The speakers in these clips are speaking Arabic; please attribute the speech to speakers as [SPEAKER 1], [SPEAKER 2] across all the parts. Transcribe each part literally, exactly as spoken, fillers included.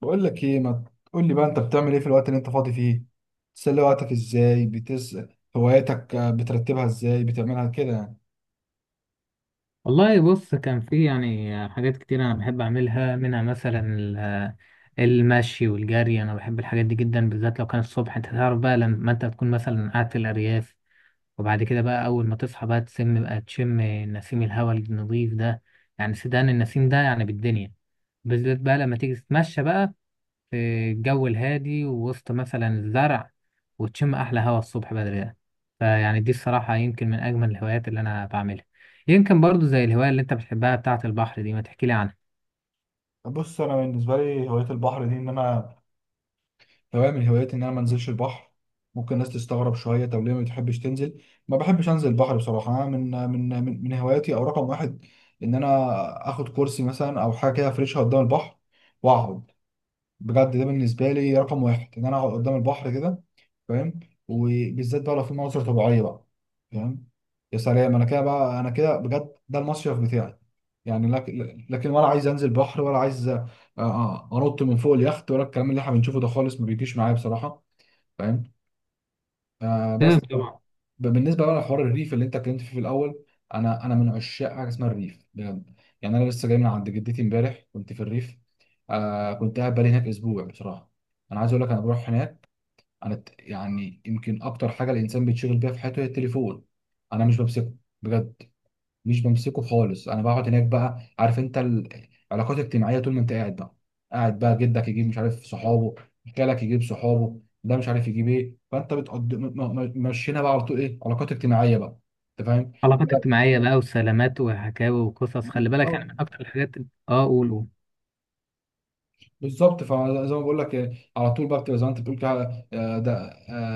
[SPEAKER 1] بقول لك ايه؟ ما تقول لي بقى، انت بتعمل ايه في الوقت اللي انت فاضي فيه؟ بتسلي وقتك ازاي؟ بتس هواياتك، آه، بترتبها ازاي؟ بتعملها كده يعني.
[SPEAKER 2] والله بص كان في يعني حاجات كتير انا بحب اعملها منها مثلا ال- المشي والجري. انا بحب الحاجات دي جدا، بالذات لو كان الصبح. انت تعرف بقى لما انت تكون مثلا قاعد في الارياف وبعد كده بقى اول ما تصحى بقى تسم بقى تشم نسيم الهواء النظيف ده، يعني سدان النسيم ده يعني بالدنيا، بالذات بقى لما تيجي تتمشى بقى في الجو الهادي ووسط مثلا الزرع وتشم أحلى هوا الصبح بدري ده. فيعني دي الصراحة يمكن من أجمل الهوايات اللي أنا بعملها. يمكن برضو زي الهواية اللي أنت بتحبها بتاعة البحر دي، ما تحكيلي عنها.
[SPEAKER 1] بص، انا بالنسبه لي هوايه البحر دي، ان انا هوايه من هواياتي ان انا ما انزلش البحر. ممكن الناس تستغرب شويه، طب ليه ما بتحبش تنزل؟ ما بحبش انزل البحر بصراحه. انا من آه، من آه، من من هواياتي او رقم واحد ان انا اخد كرسي مثلا او حاجه كده افرشها قدام البحر واقعد. بجد ده بالنسبه لي رقم واحد، ان انا اقعد قدام البحر كده. فاهم؟ وبالذات بقى لو في مناظر طبيعيه بقى. فاهم؟ يا سلام! انا كده بقى انا كده بجد، ده المصيف بتاعي يعني. لكن لكن ولا عايز انزل بحر، ولا عايز، آه، آه، انط من فوق اليخت، ولا الكلام اللي احنا بنشوفه ده خالص ما بيجيش معايا بصراحه. فاهم؟ آه
[SPEAKER 2] تمام
[SPEAKER 1] بس ب-
[SPEAKER 2] طبعا.
[SPEAKER 1] بالنسبه بقى لحوار الريف اللي انت اتكلمت فيه في الاول، انا انا من عشاق حاجه اسمها الريف بجد. يعني انا لسه جاي من عند جدتي، امبارح كنت في الريف. آه كنت قاعد بقالي هناك اسبوع بصراحه. انا عايز اقول لك، انا بروح هناك، انا الت- يعني يمكن اكتر حاجه الانسان بيتشغل بيها في حياته هي التليفون. انا مش بمسكه، بجد، مش بمسكه خالص. انا بقعد هناك بقى، عارف انت، العلاقات الاجتماعيه طول ما انت قاعد بقى. قاعد بقى جدك يجيب مش عارف صحابه، خالك يجيب صحابه، ده مش عارف يجيب ايه، فانت بتقضي م- م- م- مشينا بقى على طول، ايه، علاقات اجتماعيه بقى. انت
[SPEAKER 2] علاقات اجتماعية بقى وسلامات وحكاوي وقصص، خلي بالك، يعني من
[SPEAKER 1] فاهم؟
[SPEAKER 2] أكتر الحاجات. آه قول قول.
[SPEAKER 1] بالظبط. فزي ما بقول لك، آه، على طول بقى بتبقى زي ما انت بتقول كده. آه، ده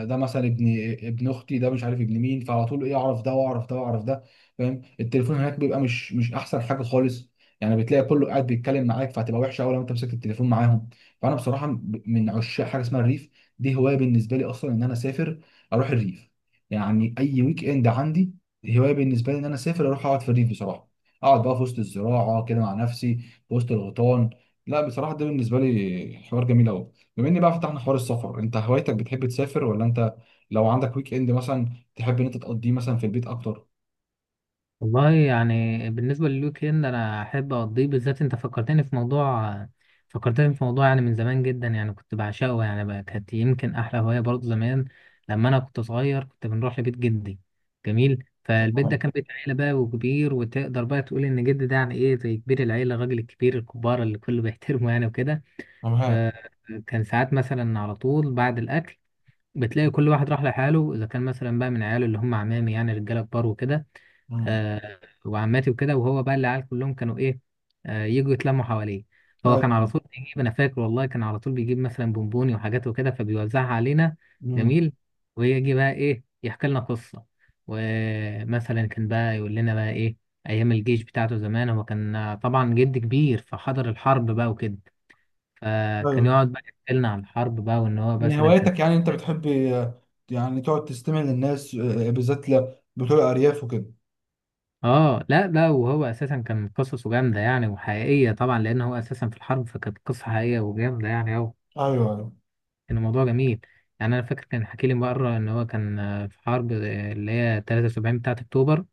[SPEAKER 1] آه، ده مثلا ابن ابن اختي، ده مش عارف ابن مين، فعلى طول ايه، اعرف ده واعرف ده واعرف ده. فاهم؟ التليفون هناك بيبقى مش مش احسن حاجه خالص. يعني بتلاقي كله قاعد بيتكلم معاك، فهتبقى وحشه قوي لو انت مسكت التليفون معاهم. فانا بصراحه ب- من عشاق حاجه اسمها الريف. دي هوايه بالنسبه لي اصلا، ان انا اسافر اروح الريف. يعني اي ويك اند عندي، هوايه بالنسبه لي ان انا اسافر اروح اقعد في الريف بصراحه. اقعد بقى في وسط الزراعه كده مع نفسي، في وسط الغيطان. لا بصراحة، ده بالنسبة لي حوار جميل أوي. بما إن بقى فتحنا حوار السفر، أنت هوايتك بتحب تسافر ولا أنت، لو عندك ويك إند مثلا، تحب إن أنت تقضيه مثلا في البيت أكتر؟
[SPEAKER 2] والله يعني بالنسبة للويك اند أنا أحب أقضيه. بالذات أنت فكرتني في موضوع، فكرتني في موضوع يعني من زمان جدا، يعني كنت بعشقه يعني بقى، كانت يمكن أحلى هواية برضه زمان لما أنا كنت صغير، كنت بنروح لبيت جدي. جميل. فالبيت ده
[SPEAKER 1] أيوة،
[SPEAKER 2] كان بيت عيلة بقى وكبير، وتقدر بقى تقول إن جدي ده يعني إيه زي كبير العيلة، الراجل الكبير الكبار اللي كله بيحترمه يعني وكده.
[SPEAKER 1] أنا معاك.
[SPEAKER 2] فكان ساعات مثلا على طول بعد الأكل بتلاقي كل واحد راح لحاله، إذا كان مثلا بقى من عياله اللي هم عمامي يعني رجالة كبار وكده،
[SPEAKER 1] مم.
[SPEAKER 2] آه، وعماتي وكده. وهو بقى العيال كلهم كانوا ايه، آه، يجوا يتلموا حواليه. هو كان على
[SPEAKER 1] أيوه.
[SPEAKER 2] طول بيجيب، انا فاكر والله كان على طول بيجيب مثلا بونبوني وحاجات وكده فبيوزعها علينا.
[SPEAKER 1] مم.
[SPEAKER 2] جميل. ويجي بقى ايه يحكي لنا قصة، ومثلا كان بقى يقول لنا بقى ايه ايام الجيش بتاعته زمان. هو كان طبعا جد كبير فحضر الحرب بقى وكده، فكان
[SPEAKER 1] أيوه.
[SPEAKER 2] يقعد بقى يحكي لنا عن الحرب بقى وان هو
[SPEAKER 1] من
[SPEAKER 2] مثلا كان.
[SPEAKER 1] هواياتك يعني، أنت بتحب، آه، يعني تقعد تستمع للناس، آه، بالذات ل- بتوع الأرياف وكده؟
[SPEAKER 2] اه لا ده وهو اساسا كان قصصه جامده يعني وحقيقيه طبعا لان هو اساسا في الحرب، فكانت قصه حقيقيه وجامده يعني، او
[SPEAKER 1] أيوه. أيوه.
[SPEAKER 2] كان الموضوع جميل يعني. انا فاكر كان حكي لي مره ان هو كان آه، في حرب آه، اللي هي ثلاثة وسبعين بتاعه اكتوبر،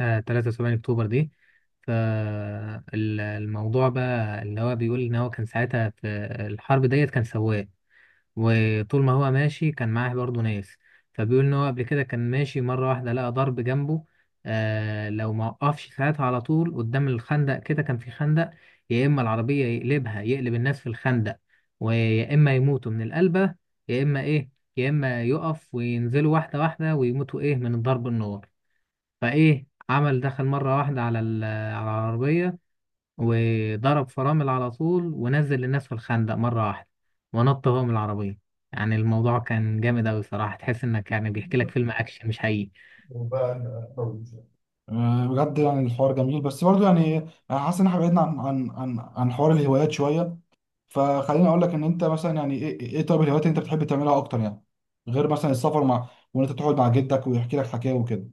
[SPEAKER 2] آه ثلاثة وسبعين اكتوبر دي. فالموضوع بقى اللي هو بيقول ان هو كان ساعتها في الحرب ديت كان سواق، وطول ما هو ماشي كان معاه برضه ناس. فبيقول ان هو قبل كده كان ماشي مره واحده لقى ضرب جنبه. آه لو ما وقفش ساعتها على طول قدام الخندق، كده كان في خندق، يا اما العربيه يقلبها يقلب الناس في الخندق ويا اما يموتوا من القلبه، يا اما ايه، يا اما يقف وينزلوا واحده واحده ويموتوا ايه من ضرب النار. فايه عمل دخل مره واحده على ال- على العربيه وضرب فرامل على طول ونزل الناس في الخندق مرة واحدة ونط هو من العربية. يعني الموضوع كان جامد أوي صراحة، تحس إنك يعني بيحكي لك فيلم أكشن مش حقيقي.
[SPEAKER 1] وبقى أطول. آه، بجد يعني الحوار جميل، بس برضه يعني أنا حاسس إن إحنا بعدنا عن عن عن عن حوار الهوايات شوية. فخليني اقول لك، ان انت مثلا يعني، ايه، ايه طيب الهوايات اللي انت بتحب تعملها اكتر يعني، غير مثلا السفر، مع وان انت تقعد مع جدك ويحكي لك حكايه وكده؟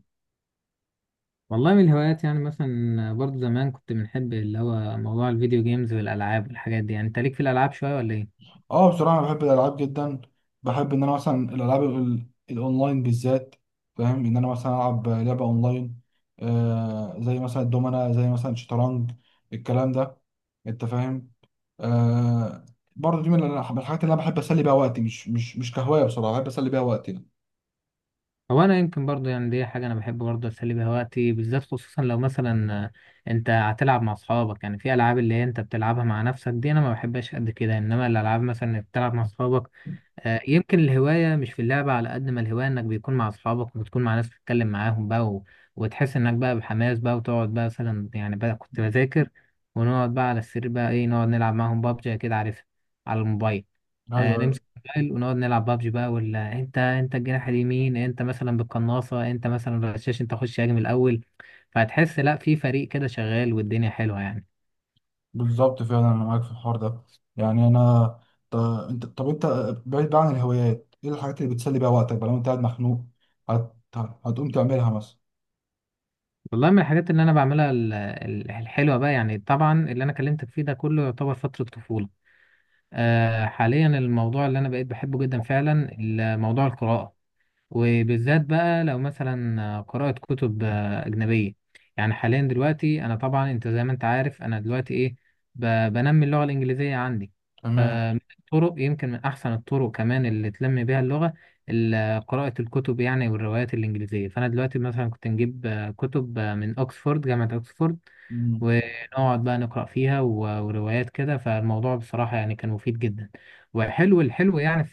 [SPEAKER 2] والله من الهوايات يعني مثلا برضو زمان كنت بنحب اللي هو موضوع الفيديو جيمز والألعاب والحاجات دي. يعني أنت ليك في الألعاب شوية ولا إيه؟
[SPEAKER 1] اه، بصراحه انا بحب الالعاب جدا. بحب ان انا مثلا الالعاب ال- الاونلاين بالذات. فاهم، ان انا مثلا العب لعبه اونلاين، آه، زي مثلا الدومنه، زي مثلا الشطرنج، الكلام ده. انت فاهم؟ آه. برضه دي من الح- من الحاجات اللي انا بحب اسلي بيها وقتي، مش مش مش كهوايه بصراحه، بحب اسلي بيها وقتي يعني.
[SPEAKER 2] هو انا يمكن برضو يعني دي حاجه انا بحب برضو اسلي بيها وقتي، بالذات خصوصا لو مثلا آه، انت هتلعب مع اصحابك. يعني في العاب اللي هي انت بتلعبها مع نفسك دي انا ما بحبهاش قد كده، انما الالعاب مثلا اللي بتلعب مع اصحابك، آه، يمكن الهوايه مش في اللعبه على قد ما الهوايه انك بيكون مع اصحابك وبتكون مع ناس بتتكلم معاهم بقى، و... وتحس انك بقى بحماس بقى، وتقعد بقى مثلا يعني بقى كنت بذاكر، ونقعد بقى على السرير بقى ايه، نقعد نلعب معاهم بابجي كده، عارف، على الموبايل. آه،
[SPEAKER 1] ايوه،
[SPEAKER 2] نمسك الموبايل ونقعد نلعب بابجي بقى، ولا انت، انت الجناح اليمين، انت مثلا بالقناصة، انت مثلا بالرشاش، انت خش هاجم الاول. فهتحس لا في فريق كده شغال والدنيا حلوة يعني.
[SPEAKER 1] بالظبط، فعلا انا معاك في الحوار ده. يعني انا، ط- انت طب انت، بعيد بقى عن الهوايات، ايه الحاجات اللي بتسلي بيها وقتك بقى لو انت قاعد مخنوق؟ هت... هتقوم تعملها مثلا؟
[SPEAKER 2] والله من الحاجات اللي انا بعملها ال- ال- الحلوة بقى، يعني طبعا اللي انا كلمتك فيه ده كله يعتبر فترة طفولة. آه، حاليا الموضوع اللي انا بقيت بحبه جدا فعلا ال- موضوع القراءة، وبالذات بقى لو مثلا قراءة كتب آه، أجنبية. يعني حاليا دلوقتي أنا طبعا، أنت زي ما أنت عارف، أنا دلوقتي إيه، ب- بنمي اللغة الإنجليزية عندي.
[SPEAKER 1] تمام.
[SPEAKER 2] فمن الطرق يمكن من أحسن الطرق كمان اللي تنمي بيها اللغة ال- قراءة الكتب يعني والروايات الإنجليزية. فأنا دلوقتي مثلا كنت نجيب آه، كتب آه، من أكسفورد، جامعة أكسفورد،
[SPEAKER 1] مم.
[SPEAKER 2] ونقعد بقى نقرأ فيها و- وروايات كده. فالموضوع بصراحة يعني كان مفيد جدا، وحلو الحلو يعني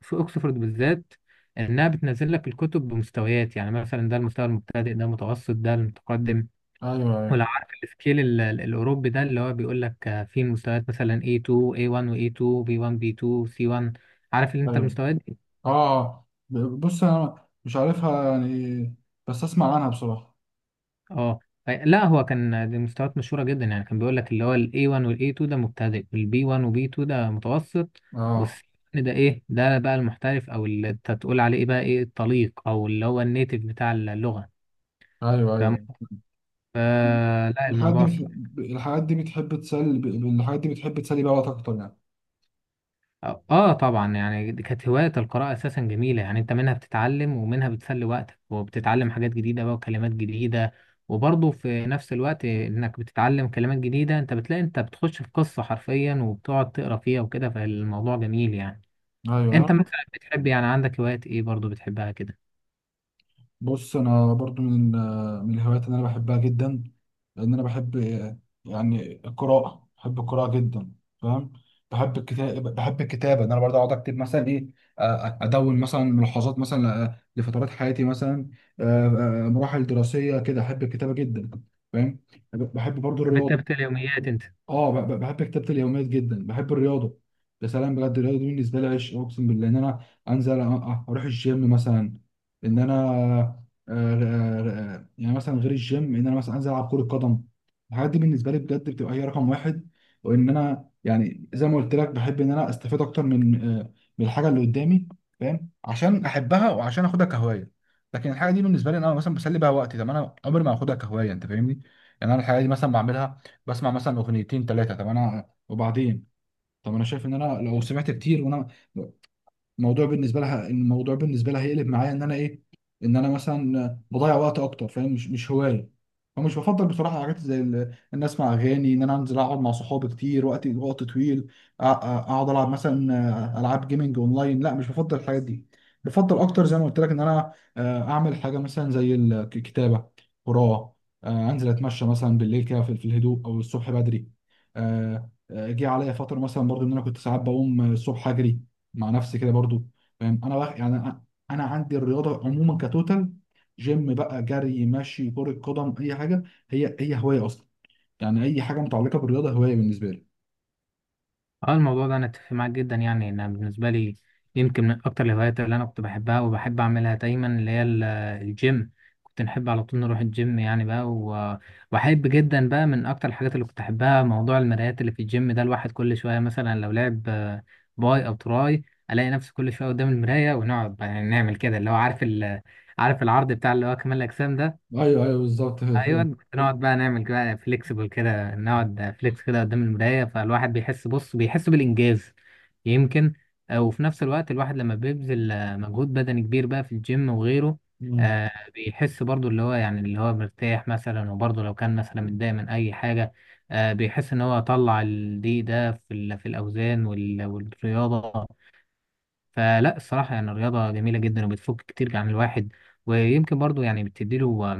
[SPEAKER 2] في اوكسفورد بالذات، انها بتنزل لك الكتب بمستويات. يعني مثلا ده المستوى المبتدئ، ده المتوسط، ده المتقدم.
[SPEAKER 1] ايوه. ايوه.
[SPEAKER 2] ولو عارف السكيل ال- ال- الاوروبي ده، اللي هو بيقول لك آه، في مستويات مثلا إيه تو إيه وان و إيه تو بي وان B two سي وان. عارف اللي انت
[SPEAKER 1] ايوه.
[SPEAKER 2] المستويات دي؟
[SPEAKER 1] اه، ب- بص انا مش عارفها يعني، بس اسمع عنها بصراحه.
[SPEAKER 2] اه ف- لا هو كان دي مستويات مشهوره جدا يعني، كان بيقول لك اللي هو ال إيه وان وال إيه تو ده مبتدئ، وال B one و بي تو ده متوسط، وال
[SPEAKER 1] اه.
[SPEAKER 2] سي وان ده ايه ده بقى المحترف، او اللي انت تقول عليه ايه بقى ايه الطليق، او اللي هو النيتيف بتاع اللغه.
[SPEAKER 1] ايوه. ايوه.
[SPEAKER 2] فلا
[SPEAKER 1] الحاجات دي
[SPEAKER 2] الموضوع صح.
[SPEAKER 1] بتحب الحاجات دي بتحب تسلي ب- الحاجات دي بتحب تسلي بيها وقتك اكتر يعني؟
[SPEAKER 2] اه آه طبعا يعني دي كانت هواية القراءة اساسا جميلة، يعني انت منها بتتعلم ومنها بتسلي وقتك وبتتعلم حاجات جديدة بقى وكلمات جديدة. وبرضه في نفس الوقت انك بتتعلم كلمات جديدة، انت بتلاقي انت بتخش في قصة حرفيا وبتقعد تقرا فيها وكده، فالموضوع جميل يعني. انت
[SPEAKER 1] ايوه.
[SPEAKER 2] مثلا بتحب يعني عندك هوايات ايه برضه بتحبها كده؟
[SPEAKER 1] بص انا برضو من من الهوايات اللي انا بحبها جدا، لان انا بحب يعني القراءه، بحب القراءه جدا. فاهم؟ بحب الكتاب بحب الكتابه، ان انا برضو اقعد اكتب مثلا، ايه، آه، ادون مثلا ملاحظات، مثلا، آه، لفترات حياتي مثلا، آه، آه، مراحل دراسيه كده. احب الكتابه جدا. فاهم؟ بحب برضو الرياضه.
[SPEAKER 2] بتكتب اليوميات انت؟
[SPEAKER 1] اه، ب- ب- بحب كتابة اليوميات جدا، بحب الرياضة. يا سلام! بجد الرياضة دي بالنسبة لي عشق، اقسم بالله. ان انا انزل، أ- أ- اروح الجيم مثلا، ان انا، آه، آه، آه، يعني مثلا غير الجيم، ان انا مثلا انزل العب كرة قدم، الحاجات دي بالنسبة لي بجد بتبقى هي رقم واحد. وان انا، يعني زي ما قلت لك، بحب ان انا استفيد اكتر من آه، من الحاجة اللي قدامي. فاهم؟ عشان احبها وعشان اخدها كهواية. لكن الحاجة دي بالنسبة لي إن انا مثلا بسلي بيها وقتي، طب انا عمري ما هاخدها كهواية. انت فاهمني؟ يعني انا الحاجة دي مثلا بعملها، بسمع مثلا اغنيتين ثلاثه، طب انا وبعدين؟ طب انا شايف ان انا، لو سمعت كتير وانا، الموضوع بالنسبه لها الموضوع بالنسبه لها هيقلب معايا، ان انا ايه، ان انا مثلا بضيع وقت اكتر. فاهم؟ مش مش هوايه. فمش بفضل بصراحه حاجات زي ال- ان اسمع اغاني، ان انا انزل اقعد مع صحابي كتير وقت وقت طويل، أ- أ- اقعد العب مثلا العاب جيمنج اونلاين، لا مش بفضل الحاجات دي. بفضل اكتر، زي ما قلت لك، ان انا، آه، اعمل حاجه مثلا زي الكتابه، قراءه، آه، انزل اتمشى مثلا بالليل كده، في في الهدوء، او الصبح بدري. آه، آه، جه عليا فتره مثلا برضو ان انا كنت ساعات بقوم الصبح اجري مع نفسي كده برضو. فاهم؟ انا بقى يعني انا، أنا عندي الرياضه عموما كتوتال، جيم بقى، جري، مشي، كره قدم، اي حاجه، هي هي هوايه اصلا. يعني اي حاجه متعلقه بالرياضه هوايه بالنسبه لي.
[SPEAKER 2] اه الموضوع ده انا اتفق معاك جدا يعني. انا بالنسبه لي يمكن من اكتر الهوايات اللي انا كنت بحبها وبحب اعملها دايما اللي هي ال- الجيم. كنت نحب على طول نروح الجيم يعني بقى، و- واحب جدا بقى من اكتر الحاجات اللي كنت احبها موضوع المرايات اللي في الجيم ده. الواحد كل شويه مثلا لو لعب آه، باي او تراي الاقي نفسي كل شويه قدام المرايه، ونقعد بقى يعني نعمل كده، اللي هو عارف ال- آه، عارف العرض بتاع اللي هو كمال الاجسام ده.
[SPEAKER 1] ايوه، ايوه، بالظبط
[SPEAKER 2] ايوه كنت نقعد بقى نعمل كده فليكسبل كده، نقعد فليكس كده قدام المرايه، فالواحد بيحس، بص بيحس بالانجاز يمكن. آه، وفي نفس الوقت الواحد لما بيبذل آه، مجهود بدني كبير بقى في الجيم وغيره،
[SPEAKER 1] أمم.
[SPEAKER 2] آه، بيحس برضو اللي هو يعني اللي هو مرتاح مثلا. وبرضو لو كان مثلا متضايق من اي حاجه، آه، بيحس ان هو طلع الضيق ده في ال- في الاوزان وال- والرياضه. فلا الصراحه يعني الرياضه جميله جدا وبتفك كتير عن الواحد، ويمكن برضو يعني بتديله،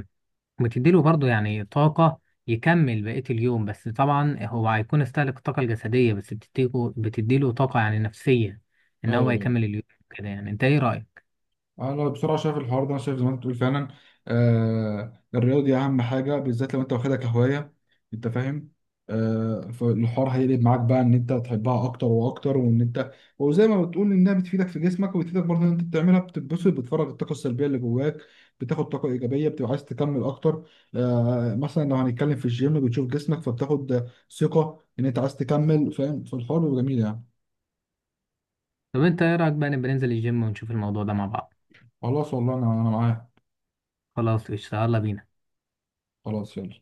[SPEAKER 2] وتديله برضه يعني طاقة يكمل بقية اليوم. بس طبعا هو هيكون استهلك الطاقة الجسدية، بس بتديله بتديله طاقة يعني نفسية إن
[SPEAKER 1] ايوه.
[SPEAKER 2] هو
[SPEAKER 1] أيوة.
[SPEAKER 2] يكمل اليوم كده يعني. أنت إيه رأيك؟
[SPEAKER 1] انا بصراحه شايف الحوار ده، انا شايف زي ما انت بتقول فعلا. آه، الرياضه دي اهم حاجه، بالذات لو انت واخدها كهوايه. انت فاهم؟ آه، فالحوار هيقلب معاك بقى ان انت تحبها اكتر واكتر. وان انت، وزي ما بتقول، انها بتفيدك في جسمك، وبتفيدك برضه ان انت بتعملها بتتبسط، بتفرغ الطاقه السلبيه اللي جواك، بتاخد طاقه ايجابيه، بتبقى عايز تكمل اكتر. آه، مثلا لو هنتكلم في الجيم بتشوف جسمك، فبتاخد ثقه ان انت عايز تكمل. فاهم؟ فالحوار بيبقى جميل يعني.
[SPEAKER 2] طب أنت إيه رأيك بقى نبقى ننزل الجيم ونشوف الموضوع ده مع بعض؟
[SPEAKER 1] خلاص والله، انا، انا معاك.
[SPEAKER 2] خلاص قشطة، يلا بينا.
[SPEAKER 1] خلاص، يلا.